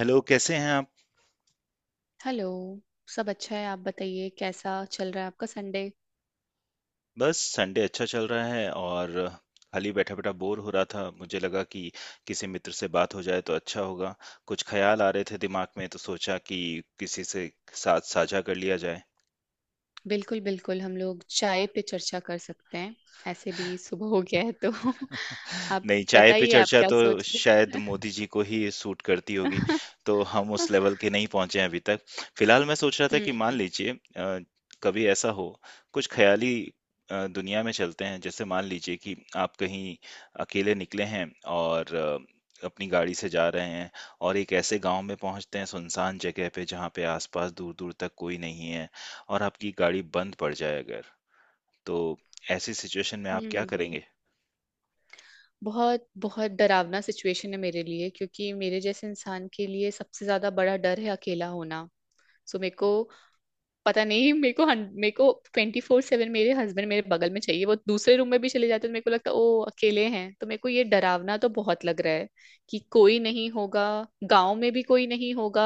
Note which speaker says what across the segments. Speaker 1: Hello, कैसे हैं आप।
Speaker 2: हेलो। सब अच्छा है। आप बताइए कैसा चल रहा है आपका संडे।
Speaker 1: बस संडे अच्छा चल रहा है। और खाली बैठा बैठा बोर हो रहा था, मुझे लगा कि किसी मित्र से बात हो जाए तो अच्छा होगा। कुछ ख्याल आ रहे थे दिमाग में तो सोचा कि किसी से साथ साझा कर लिया जाए।
Speaker 2: बिल्कुल बिल्कुल हम लोग चाय पे चर्चा कर सकते हैं। ऐसे भी सुबह हो गया है तो आप
Speaker 1: नहीं, चाय पे
Speaker 2: बताइए आप
Speaker 1: चर्चा
Speaker 2: क्या
Speaker 1: तो
Speaker 2: सोच रहे
Speaker 1: शायद
Speaker 2: हैं।
Speaker 1: मोदी जी को ही सूट करती होगी, तो हम उस लेवल के नहीं पहुंचे हैं अभी तक। फिलहाल मैं सोच रहा था
Speaker 2: हम्म।
Speaker 1: कि मान लीजिए कभी ऐसा हो, कुछ ख्याली दुनिया में चलते हैं। जैसे मान लीजिए कि आप कहीं अकेले निकले हैं और अपनी गाड़ी से जा रहे हैं, और एक ऐसे गांव में पहुंचते हैं, सुनसान जगह पे जहां पे आसपास दूर दूर तक कोई नहीं है, और आपकी गाड़ी बंद पड़ जाए अगर, तो ऐसी सिचुएशन में आप क्या
Speaker 2: हम्म
Speaker 1: करेंगे।
Speaker 2: बहुत बहुत डरावना सिचुएशन है मेरे लिए क्योंकि मेरे जैसे इंसान के लिए सबसे ज्यादा बड़ा डर है अकेला होना। सो मेरे को पता नहीं, मेरे को 24/7 मेरे हस्बैंड मेरे बगल में चाहिए। वो दूसरे रूम में भी चले जाते हैं तो मेरे को लगता है ओ अकेले हैं, तो मेरे को ये डरावना तो बहुत लग रहा है कि कोई नहीं होगा, गांव में भी कोई नहीं होगा,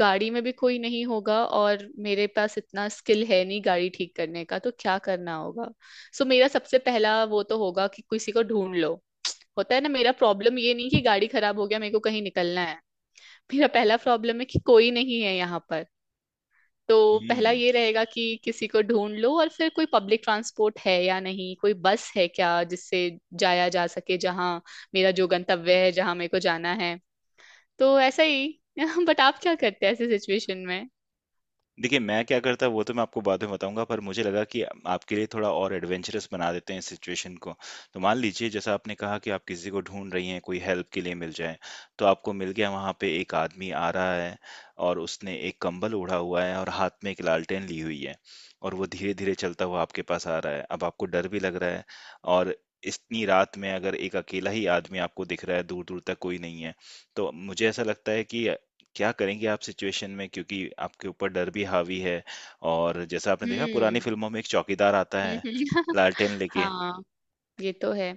Speaker 2: गाड़ी में भी कोई नहीं होगा और मेरे पास इतना स्किल है नहीं गाड़ी ठीक करने का, तो क्या करना होगा। सो मेरा सबसे पहला वो तो होगा कि किसी को ढूंढ लो। होता है ना, मेरा प्रॉब्लम ये नहीं कि गाड़ी खराब हो गया मेरे को कहीं निकलना है, मेरा पहला प्रॉब्लम है कि कोई नहीं है यहाँ पर। तो पहला
Speaker 1: हम्म।
Speaker 2: ये रहेगा कि किसी को ढूंढ लो, और फिर कोई पब्लिक ट्रांसपोर्ट है या नहीं, कोई बस है क्या जिससे जाया जा सके जहाँ मेरा जो गंतव्य है, जहाँ मेरे को जाना है। तो ऐसा ही। बट आप क्या करते हैं ऐसे सिचुएशन में।
Speaker 1: देखिए, मैं क्या करता वो तो मैं आपको बाद में बताऊँगा, पर मुझे लगा कि आपके लिए थोड़ा और एडवेंचरस बना देते हैं इस सिचुएशन को। तो मान लीजिए जैसा आपने कहा कि आप किसी को ढूँढ रही हैं, कोई हेल्प के लिए मिल जाए, तो आपको मिल गया। वहाँ पे एक आदमी आ रहा है और उसने एक कंबल ओढ़ा हुआ है और हाथ में एक लालटेन ली हुई है, और वो धीरे-धीरे चलता हुआ आपके पास आ रहा है। अब आपको डर भी लग रहा है, और इतनी रात में अगर एक अकेला ही आदमी आपको दिख रहा है, दूर-दूर तक कोई नहीं है, तो मुझे ऐसा लगता है कि क्या करेंगे आप सिचुएशन में, क्योंकि आपके ऊपर डर भी हावी है। और जैसा आपने देखा
Speaker 2: हम्म।
Speaker 1: पुरानी फिल्मों में एक चौकीदार आता है
Speaker 2: हम्म।
Speaker 1: लालटेन लेके।
Speaker 2: हाँ। ये तो है।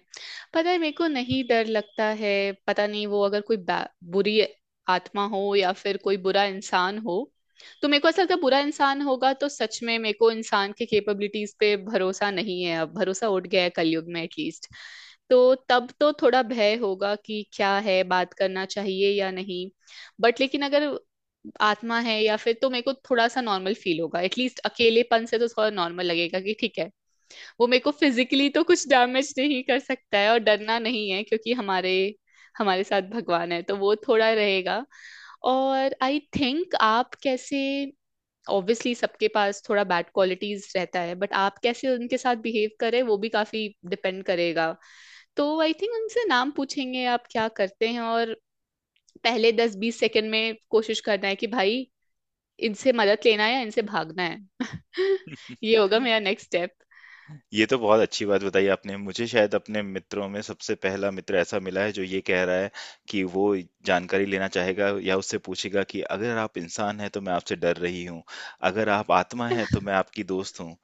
Speaker 2: पता है, मेरे को नहीं डर लगता है। पता नहीं वो अगर कोई बुरी आत्मा हो या फिर कोई बुरा इंसान हो, तो मेरे को ऐसा लगता है बुरा इंसान होगा तो सच में मेरे को इंसान के कैपेबिलिटीज पे भरोसा नहीं है, अब भरोसा उठ गया है कलयुग में एटलीस्ट। तो तब तो थोड़ा भय होगा कि क्या है, बात करना चाहिए या नहीं। बट लेकिन अगर आत्मा है या फिर, तो मेरे को थोड़ा सा नॉर्मल फील होगा, एटलीस्ट अकेलेपन से तो थोड़ा नॉर्मल लगेगा कि ठीक है, वो मेरे को फिजिकली तो कुछ डैमेज नहीं कर सकता है और डरना नहीं है क्योंकि हमारे हमारे साथ भगवान है, तो वो थोड़ा रहेगा। और आई थिंक आप कैसे, ऑब्वियसली सबके पास थोड़ा बैड क्वालिटीज रहता है, बट आप कैसे उनके साथ बिहेव करें वो भी काफी डिपेंड करेगा। तो आई थिंक उनसे नाम पूछेंगे आप क्या करते हैं, और पहले 10-20 सेकंड में कोशिश करना है कि भाई इनसे मदद लेना है या इनसे भागना है। ये होगा मेरा नेक्स्ट स्टेप।
Speaker 1: ये तो बहुत अच्छी बात बताई आपने। मुझे शायद अपने मित्रों में सबसे पहला मित्र ऐसा मिला है जो ये कह रहा है कि वो जानकारी लेना चाहेगा या उससे पूछेगा कि अगर आप इंसान हैं तो मैं आपसे डर रही हूँ, अगर आप आत्मा हैं तो मैं आपकी दोस्त हूँ।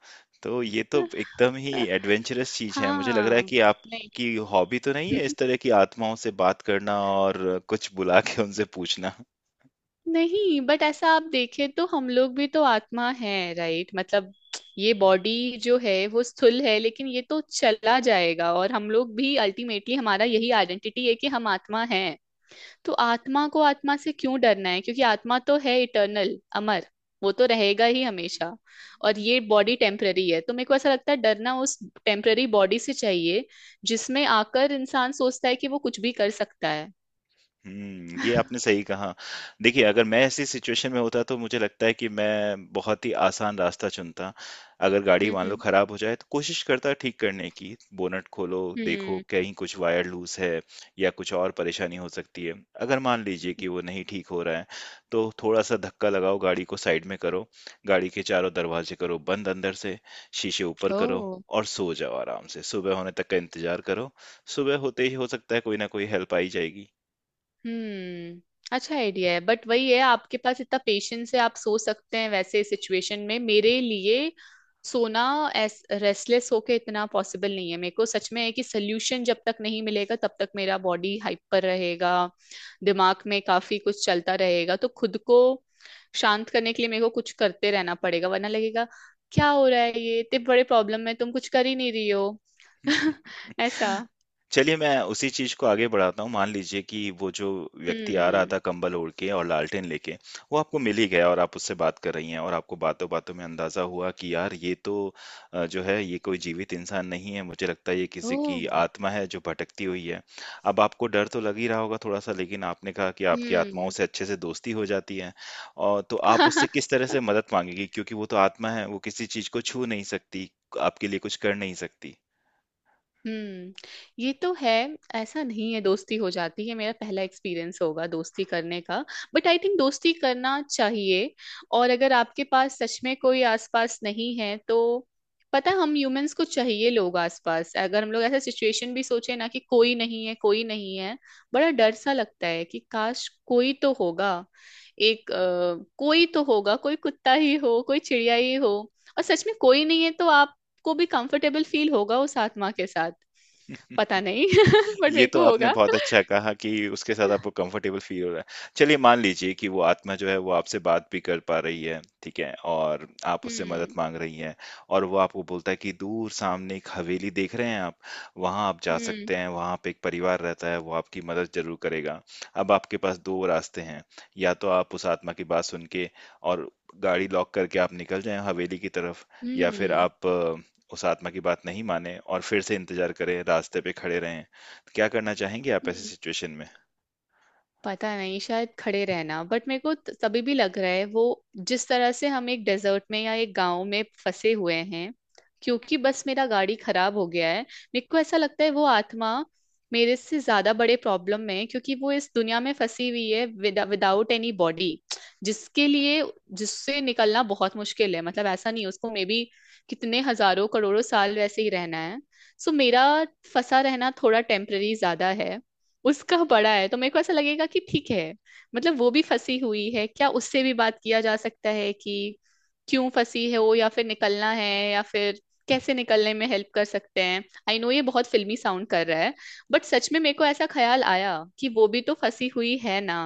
Speaker 1: तो ये तो एकदम ही एडवेंचरस चीज है। मुझे लग रहा है
Speaker 2: हाँ।
Speaker 1: कि
Speaker 2: नहीं।
Speaker 1: आपकी हॉबी तो नहीं है इस तरह की आत्माओं से बात करना और कुछ बुला के उनसे पूछना।
Speaker 2: नहीं, बट ऐसा आप देखें तो हम लोग भी तो आत्मा है राइट, मतलब ये बॉडी जो है वो स्थूल है लेकिन ये तो चला जाएगा, और हम लोग भी अल्टीमेटली हमारा यही आइडेंटिटी है कि हम आत्मा हैं। तो आत्मा को आत्मा से क्यों डरना है क्योंकि आत्मा तो है इटर्नल अमर, वो तो रहेगा ही हमेशा। और ये बॉडी टेम्पररी है, तो मेरे को ऐसा लगता है डरना उस टेम्पररी बॉडी से चाहिए जिसमें आकर इंसान सोचता है कि वो कुछ भी कर सकता है।
Speaker 1: हुँ, ये आपने सही कहा। देखिए, अगर मैं ऐसी सिचुएशन में होता तो मुझे लगता है कि मैं बहुत ही आसान रास्ता चुनता। अगर गाड़ी मान लो
Speaker 2: हम्म।
Speaker 1: खराब हो जाए तो कोशिश करता ठीक करने की, बोनट खोलो, देखो
Speaker 2: हम्म।
Speaker 1: कहीं कुछ वायर लूज़ है या कुछ और परेशानी हो सकती है। अगर मान लीजिए कि वो नहीं ठीक हो रहा है, तो थोड़ा-सा धक्का लगाओ, गाड़ी को साइड में करो, गाड़ी के चारों दरवाजे करो बंद अंदर से, शीशे ऊपर करो
Speaker 2: ओ।
Speaker 1: और सो जाओ आराम से। सुबह होने तक का इंतज़ार करो, सुबह होते ही हो सकता है कोई ना कोई हेल्प आ ही जाएगी।
Speaker 2: हम्म। अच्छा आइडिया है, बट वही है आपके पास इतना पेशेंस है आप सो सकते हैं वैसे सिचुएशन में। मेरे लिए सोना एस रेस्टलेस होके इतना पॉसिबल नहीं है, मेरे को सच में है कि सोल्यूशन जब तक नहीं मिलेगा तब तक मेरा बॉडी हाइपर रहेगा, दिमाग में काफी कुछ चलता रहेगा, तो खुद को शांत करने के लिए मेरे को कुछ करते रहना पड़ेगा वरना लगेगा क्या हो रहा है ये, इतने बड़े प्रॉब्लम में तुम कुछ कर ही नहीं रही हो। ऐसा।
Speaker 1: चलिए मैं उसी चीज को आगे बढ़ाता हूँ। मान लीजिए कि वो जो व्यक्ति आ रहा
Speaker 2: हम्म।
Speaker 1: था कंबल ओढ़ के और लालटेन लेके, वो आपको मिल ही गया और आप उससे बात कर रही हैं, और आपको बातों बातों में अंदाजा हुआ कि यार ये तो जो है ये कोई जीवित इंसान नहीं है। मुझे लगता है ये किसी की
Speaker 2: ओ।
Speaker 1: आत्मा है जो भटकती हुई है। अब आपको डर तो लग ही रहा होगा थोड़ा सा, लेकिन आपने कहा कि आपकी आत्माओं
Speaker 2: हम्म।
Speaker 1: से अच्छे से दोस्ती हो जाती है, और तो आप उससे किस तरह से मदद मांगेगी, क्योंकि वो तो आत्मा है, वो किसी चीज को छू नहीं सकती, आपके लिए कुछ कर नहीं सकती।
Speaker 2: हम्म। ये तो है। ऐसा नहीं है दोस्ती हो जाती है, मेरा पहला एक्सपीरियंस होगा दोस्ती करने का, बट आई थिंक दोस्ती करना चाहिए। और अगर आपके पास सच में कोई आसपास नहीं है तो, पता है, हम ह्यूमंस को चाहिए लोग आसपास। अगर हम लोग ऐसा सिचुएशन भी सोचे ना कि कोई नहीं है, कोई नहीं है, बड़ा डर सा लगता है कि काश कोई तो होगा, कोई तो होगा, कोई कुत्ता ही हो, कोई चिड़िया ही हो। और सच में कोई नहीं है तो आप को भी कंफर्टेबल फील होगा उस आत्मा के साथ। पता नहीं, बट
Speaker 1: ये
Speaker 2: मेरे
Speaker 1: तो
Speaker 2: को
Speaker 1: आपने
Speaker 2: होगा।
Speaker 1: बहुत अच्छा कहा कि उसके साथ आपको कंफर्टेबल फील हो रहा है। चलिए मान लीजिए कि वो आत्मा जो है वो आपसे बात भी कर पा रही है, ठीक है? और आप उससे मदद
Speaker 2: हम्म।
Speaker 1: माँग रही हैं, और वो आपको बोलता है कि दूर सामने एक हवेली देख रहे हैं आप? वहाँ आप जा
Speaker 2: हम्म।
Speaker 1: सकते हैं, वहाँ पे एक परिवार रहता है, वो आपकी मदद ज़रूर करेगा। अब आपके पास 2 रास्ते हैं, या तो आप उस आत्मा की बात सुन के और गाड़ी लॉक करके आप निकल जाएँ हवेली की तरफ, या फिर आप उस आत्मा की बात नहीं मानें और फिर से इंतज़ार करें, रास्ते पे खड़े रहें। क्या करना चाहेंगे आप ऐसी
Speaker 2: हम्म।
Speaker 1: सिचुएशन में?
Speaker 2: पता नहीं शायद खड़े रहना, बट मेरे को तभी भी लग रहा है वो, जिस तरह से हम एक डेजर्ट में या एक गांव में फंसे हुए हैं क्योंकि बस मेरा गाड़ी खराब हो गया है, मेरे को ऐसा लगता है वो आत्मा मेरे से ज्यादा बड़े प्रॉब्लम में है क्योंकि वो इस दुनिया में फंसी हुई है विदाउट एनी बॉडी, जिसके लिए जिससे निकलना बहुत मुश्किल है, मतलब ऐसा नहीं है, उसको मे बी कितने हजारों करोड़ों साल वैसे ही रहना है। सो मेरा फंसा रहना थोड़ा टेम्पररी ज्यादा है, उसका बड़ा है, तो मेरे को ऐसा लगेगा कि ठीक है, मतलब वो भी फंसी हुई है क्या, उससे भी बात किया जा सकता है कि क्यों फंसी है वो, या फिर निकलना है, या फिर कैसे निकलने में हेल्प कर सकते हैं। आई नो ये बहुत फिल्मी साउंड कर रहा है, बट सच में मेरे को ऐसा ख्याल आया कि वो भी तो फंसी हुई है ना।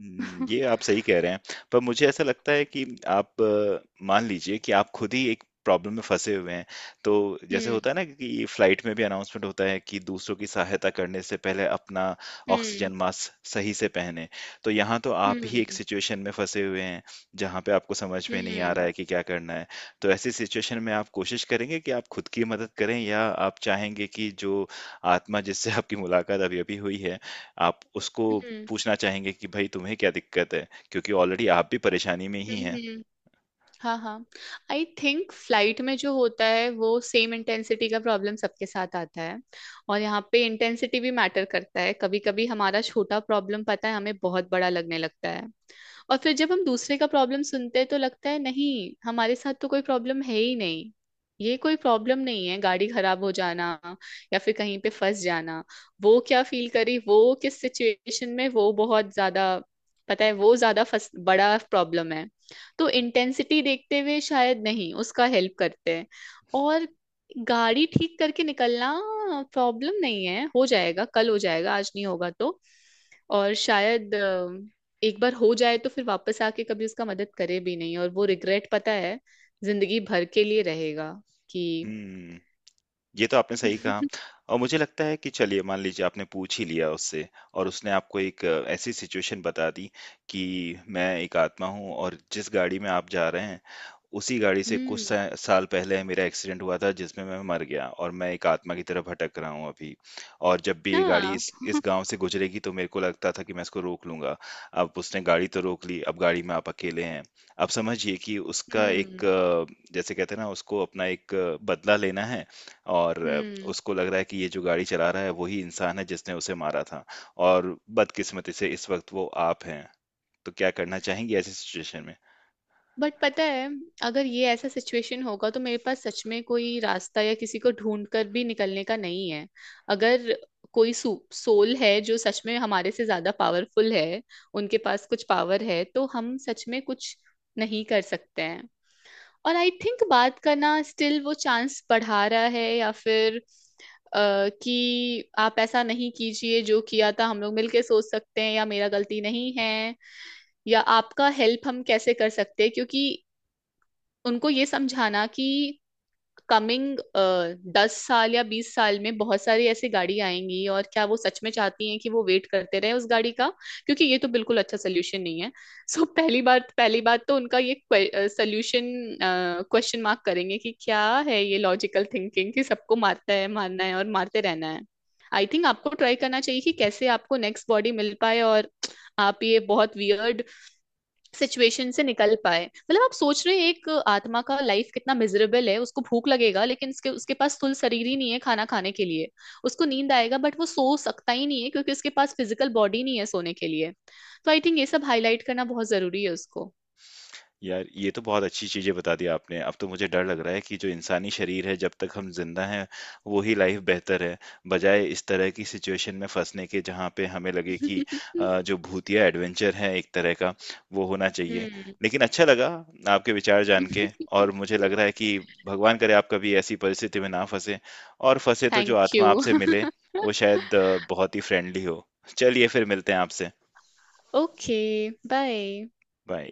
Speaker 1: हुँ, ये आप सही कह रहे हैं। पर मुझे ऐसा लगता है कि आप मान लीजिए कि आप खुद ही एक प्रॉब्लम में फँसे हुए हैं, तो जैसे
Speaker 2: हम्म।
Speaker 1: होता है ना कि फ्लाइट में भी अनाउंसमेंट होता है कि दूसरों की सहायता करने से पहले अपना
Speaker 2: हम्म।
Speaker 1: ऑक्सीजन मास्क सही से पहनें। तो यहाँ तो आप ही एक
Speaker 2: हम्म।
Speaker 1: सिचुएशन में फँसे हुए हैं, जहाँ पे आपको समझ
Speaker 2: हम्म।
Speaker 1: में नहीं आ रहा
Speaker 2: हम्म।
Speaker 1: है कि क्या करना है। तो ऐसी सिचुएशन में आप कोशिश करेंगे कि आप खुद की मदद करें, या आप चाहेंगे कि जो आत्मा जिससे आपकी मुलाकात अभी-अभी हुई है, आप उसको
Speaker 2: हम्म।
Speaker 1: पूछना चाहेंगे कि भाई तुम्हें क्या दिक्कत है, क्योंकि ऑलरेडी आप भी परेशानी में ही हैं।
Speaker 2: हम्म। हाँ, हाँ, आई थिंक फ्लाइट में जो होता है वो सेम इंटेंसिटी का प्रॉब्लम सबके साथ आता है और यहाँ पे इंटेंसिटी भी मैटर करता है, कभी कभी हमारा छोटा प्रॉब्लम, पता है, हमें बहुत बड़ा लगने लगता है और फिर जब हम दूसरे का प्रॉब्लम सुनते हैं तो लगता है नहीं, हमारे साथ तो कोई प्रॉब्लम है ही नहीं, ये कोई प्रॉब्लम नहीं है गाड़ी खराब हो जाना या फिर कहीं पे फंस जाना। वो क्या फील करी, वो किस सिचुएशन में, वो बहुत ज्यादा, पता है, वो ज्यादा फंस बड़ा प्रॉब्लम है, तो इंटेंसिटी देखते हुए शायद नहीं उसका हेल्प करते हैं और गाड़ी ठीक करके निकलना प्रॉब्लम नहीं है, हो जाएगा, कल हो जाएगा, आज नहीं होगा तो। और शायद एक बार हो जाए तो फिर वापस आके कभी उसका मदद करे भी नहीं, और वो रिग्रेट, पता है, जिंदगी भर के लिए रहेगा कि।
Speaker 1: हम्म। ये तो आपने सही कहा। और मुझे लगता है कि चलिए मान लीजिए आपने पूछ ही लिया उससे, और उसने आपको एक ऐसी सिचुएशन बता दी कि मैं एक आत्मा हूँ, और जिस गाड़ी में आप जा रहे हैं उसी गाड़ी से कुछ
Speaker 2: हम्म।
Speaker 1: सा साल पहले मेरा एक्सीडेंट हुआ था जिसमें मैं मर गया, और मैं एक आत्मा की तरह भटक रहा हूँ अभी। और जब भी ये गाड़ी
Speaker 2: हाँ।
Speaker 1: इस गांव से गुजरेगी तो मेरे को लगता था कि मैं इसको रोक लूंगा। अब उसने गाड़ी तो रोक ली, अब गाड़ी में आप अकेले हैं। अब समझिए कि उसका एक
Speaker 2: हम्म।
Speaker 1: जैसे कहते हैं ना, उसको अपना एक बदला लेना है, और
Speaker 2: हम्म।
Speaker 1: उसको लग रहा है कि ये जो गाड़ी चला रहा है वही इंसान है जिसने उसे मारा था, और बदकिस्मती से इस वक्त वो आप हैं। तो क्या करना चाहेंगे ऐसी सिचुएशन में।
Speaker 2: बट पता है, अगर ये ऐसा सिचुएशन होगा तो मेरे पास सच में कोई रास्ता या किसी को ढूंढ कर भी निकलने का नहीं है, अगर कोई सोल है जो सच में हमारे से ज्यादा पावरफुल है, उनके पास कुछ पावर है तो हम सच में कुछ नहीं कर सकते हैं। और आई थिंक बात करना स्टिल वो चांस बढ़ा रहा है या फिर कि आप ऐसा नहीं कीजिए जो किया था, हम लोग मिलके सोच सकते हैं या मेरा गलती नहीं है या आपका हेल्प हम कैसे कर सकते हैं क्योंकि उनको ये समझाना कि कमिंग 10 साल या 20 साल में बहुत सारी ऐसी गाड़ी आएंगी और क्या वो सच में चाहती हैं कि वो वेट करते रहे उस गाड़ी का, क्योंकि ये तो बिल्कुल अच्छा सोल्यूशन नहीं है। So, पहली बात तो उनका ये सोल्यूशन क्वेश्चन मार्क करेंगे कि क्या है ये लॉजिकल थिंकिंग कि सबको मारता है, मारना है और मारते रहना है। आई थिंक आपको ट्राई करना चाहिए कि कैसे आपको नेक्स्ट बॉडी मिल पाए और आप ये बहुत वियर्ड सिचुएशन से निकल पाए, मतलब आप सोच रहे हैं एक आत्मा का लाइफ कितना मिजरेबल है, उसको भूख लगेगा लेकिन उसके उसके पास स्थूल शरीर ही नहीं है खाना खाने के लिए, उसको नींद आएगा बट वो सो सकता ही नहीं है क्योंकि उसके पास फिजिकल बॉडी नहीं है सोने के लिए। तो आई थिंक ये सब हाईलाइट करना बहुत जरूरी है उसको।
Speaker 1: यार, ये तो बहुत अच्छी चीजें बता दी आपने। अब तो मुझे डर लग रहा है कि जो इंसानी शरीर है, जब तक हम जिंदा हैं वो ही लाइफ बेहतर है, बजाय इस तरह की सिचुएशन में फंसने के जहाँ पे हमें लगे कि जो भूतिया एडवेंचर है एक तरह का, वो होना चाहिए।
Speaker 2: हम्म।
Speaker 1: लेकिन अच्छा लगा आपके विचार जान के। और मुझे लग रहा है कि भगवान करे आप कभी ऐसी परिस्थिति में ना फंसे, और फंसे तो जो
Speaker 2: थैंक
Speaker 1: आत्मा
Speaker 2: यू।
Speaker 1: आपसे मिले वो शायद बहुत ही फ्रेंडली हो। चलिए फिर मिलते हैं आपसे।
Speaker 2: ओके। बाय।
Speaker 1: बाय।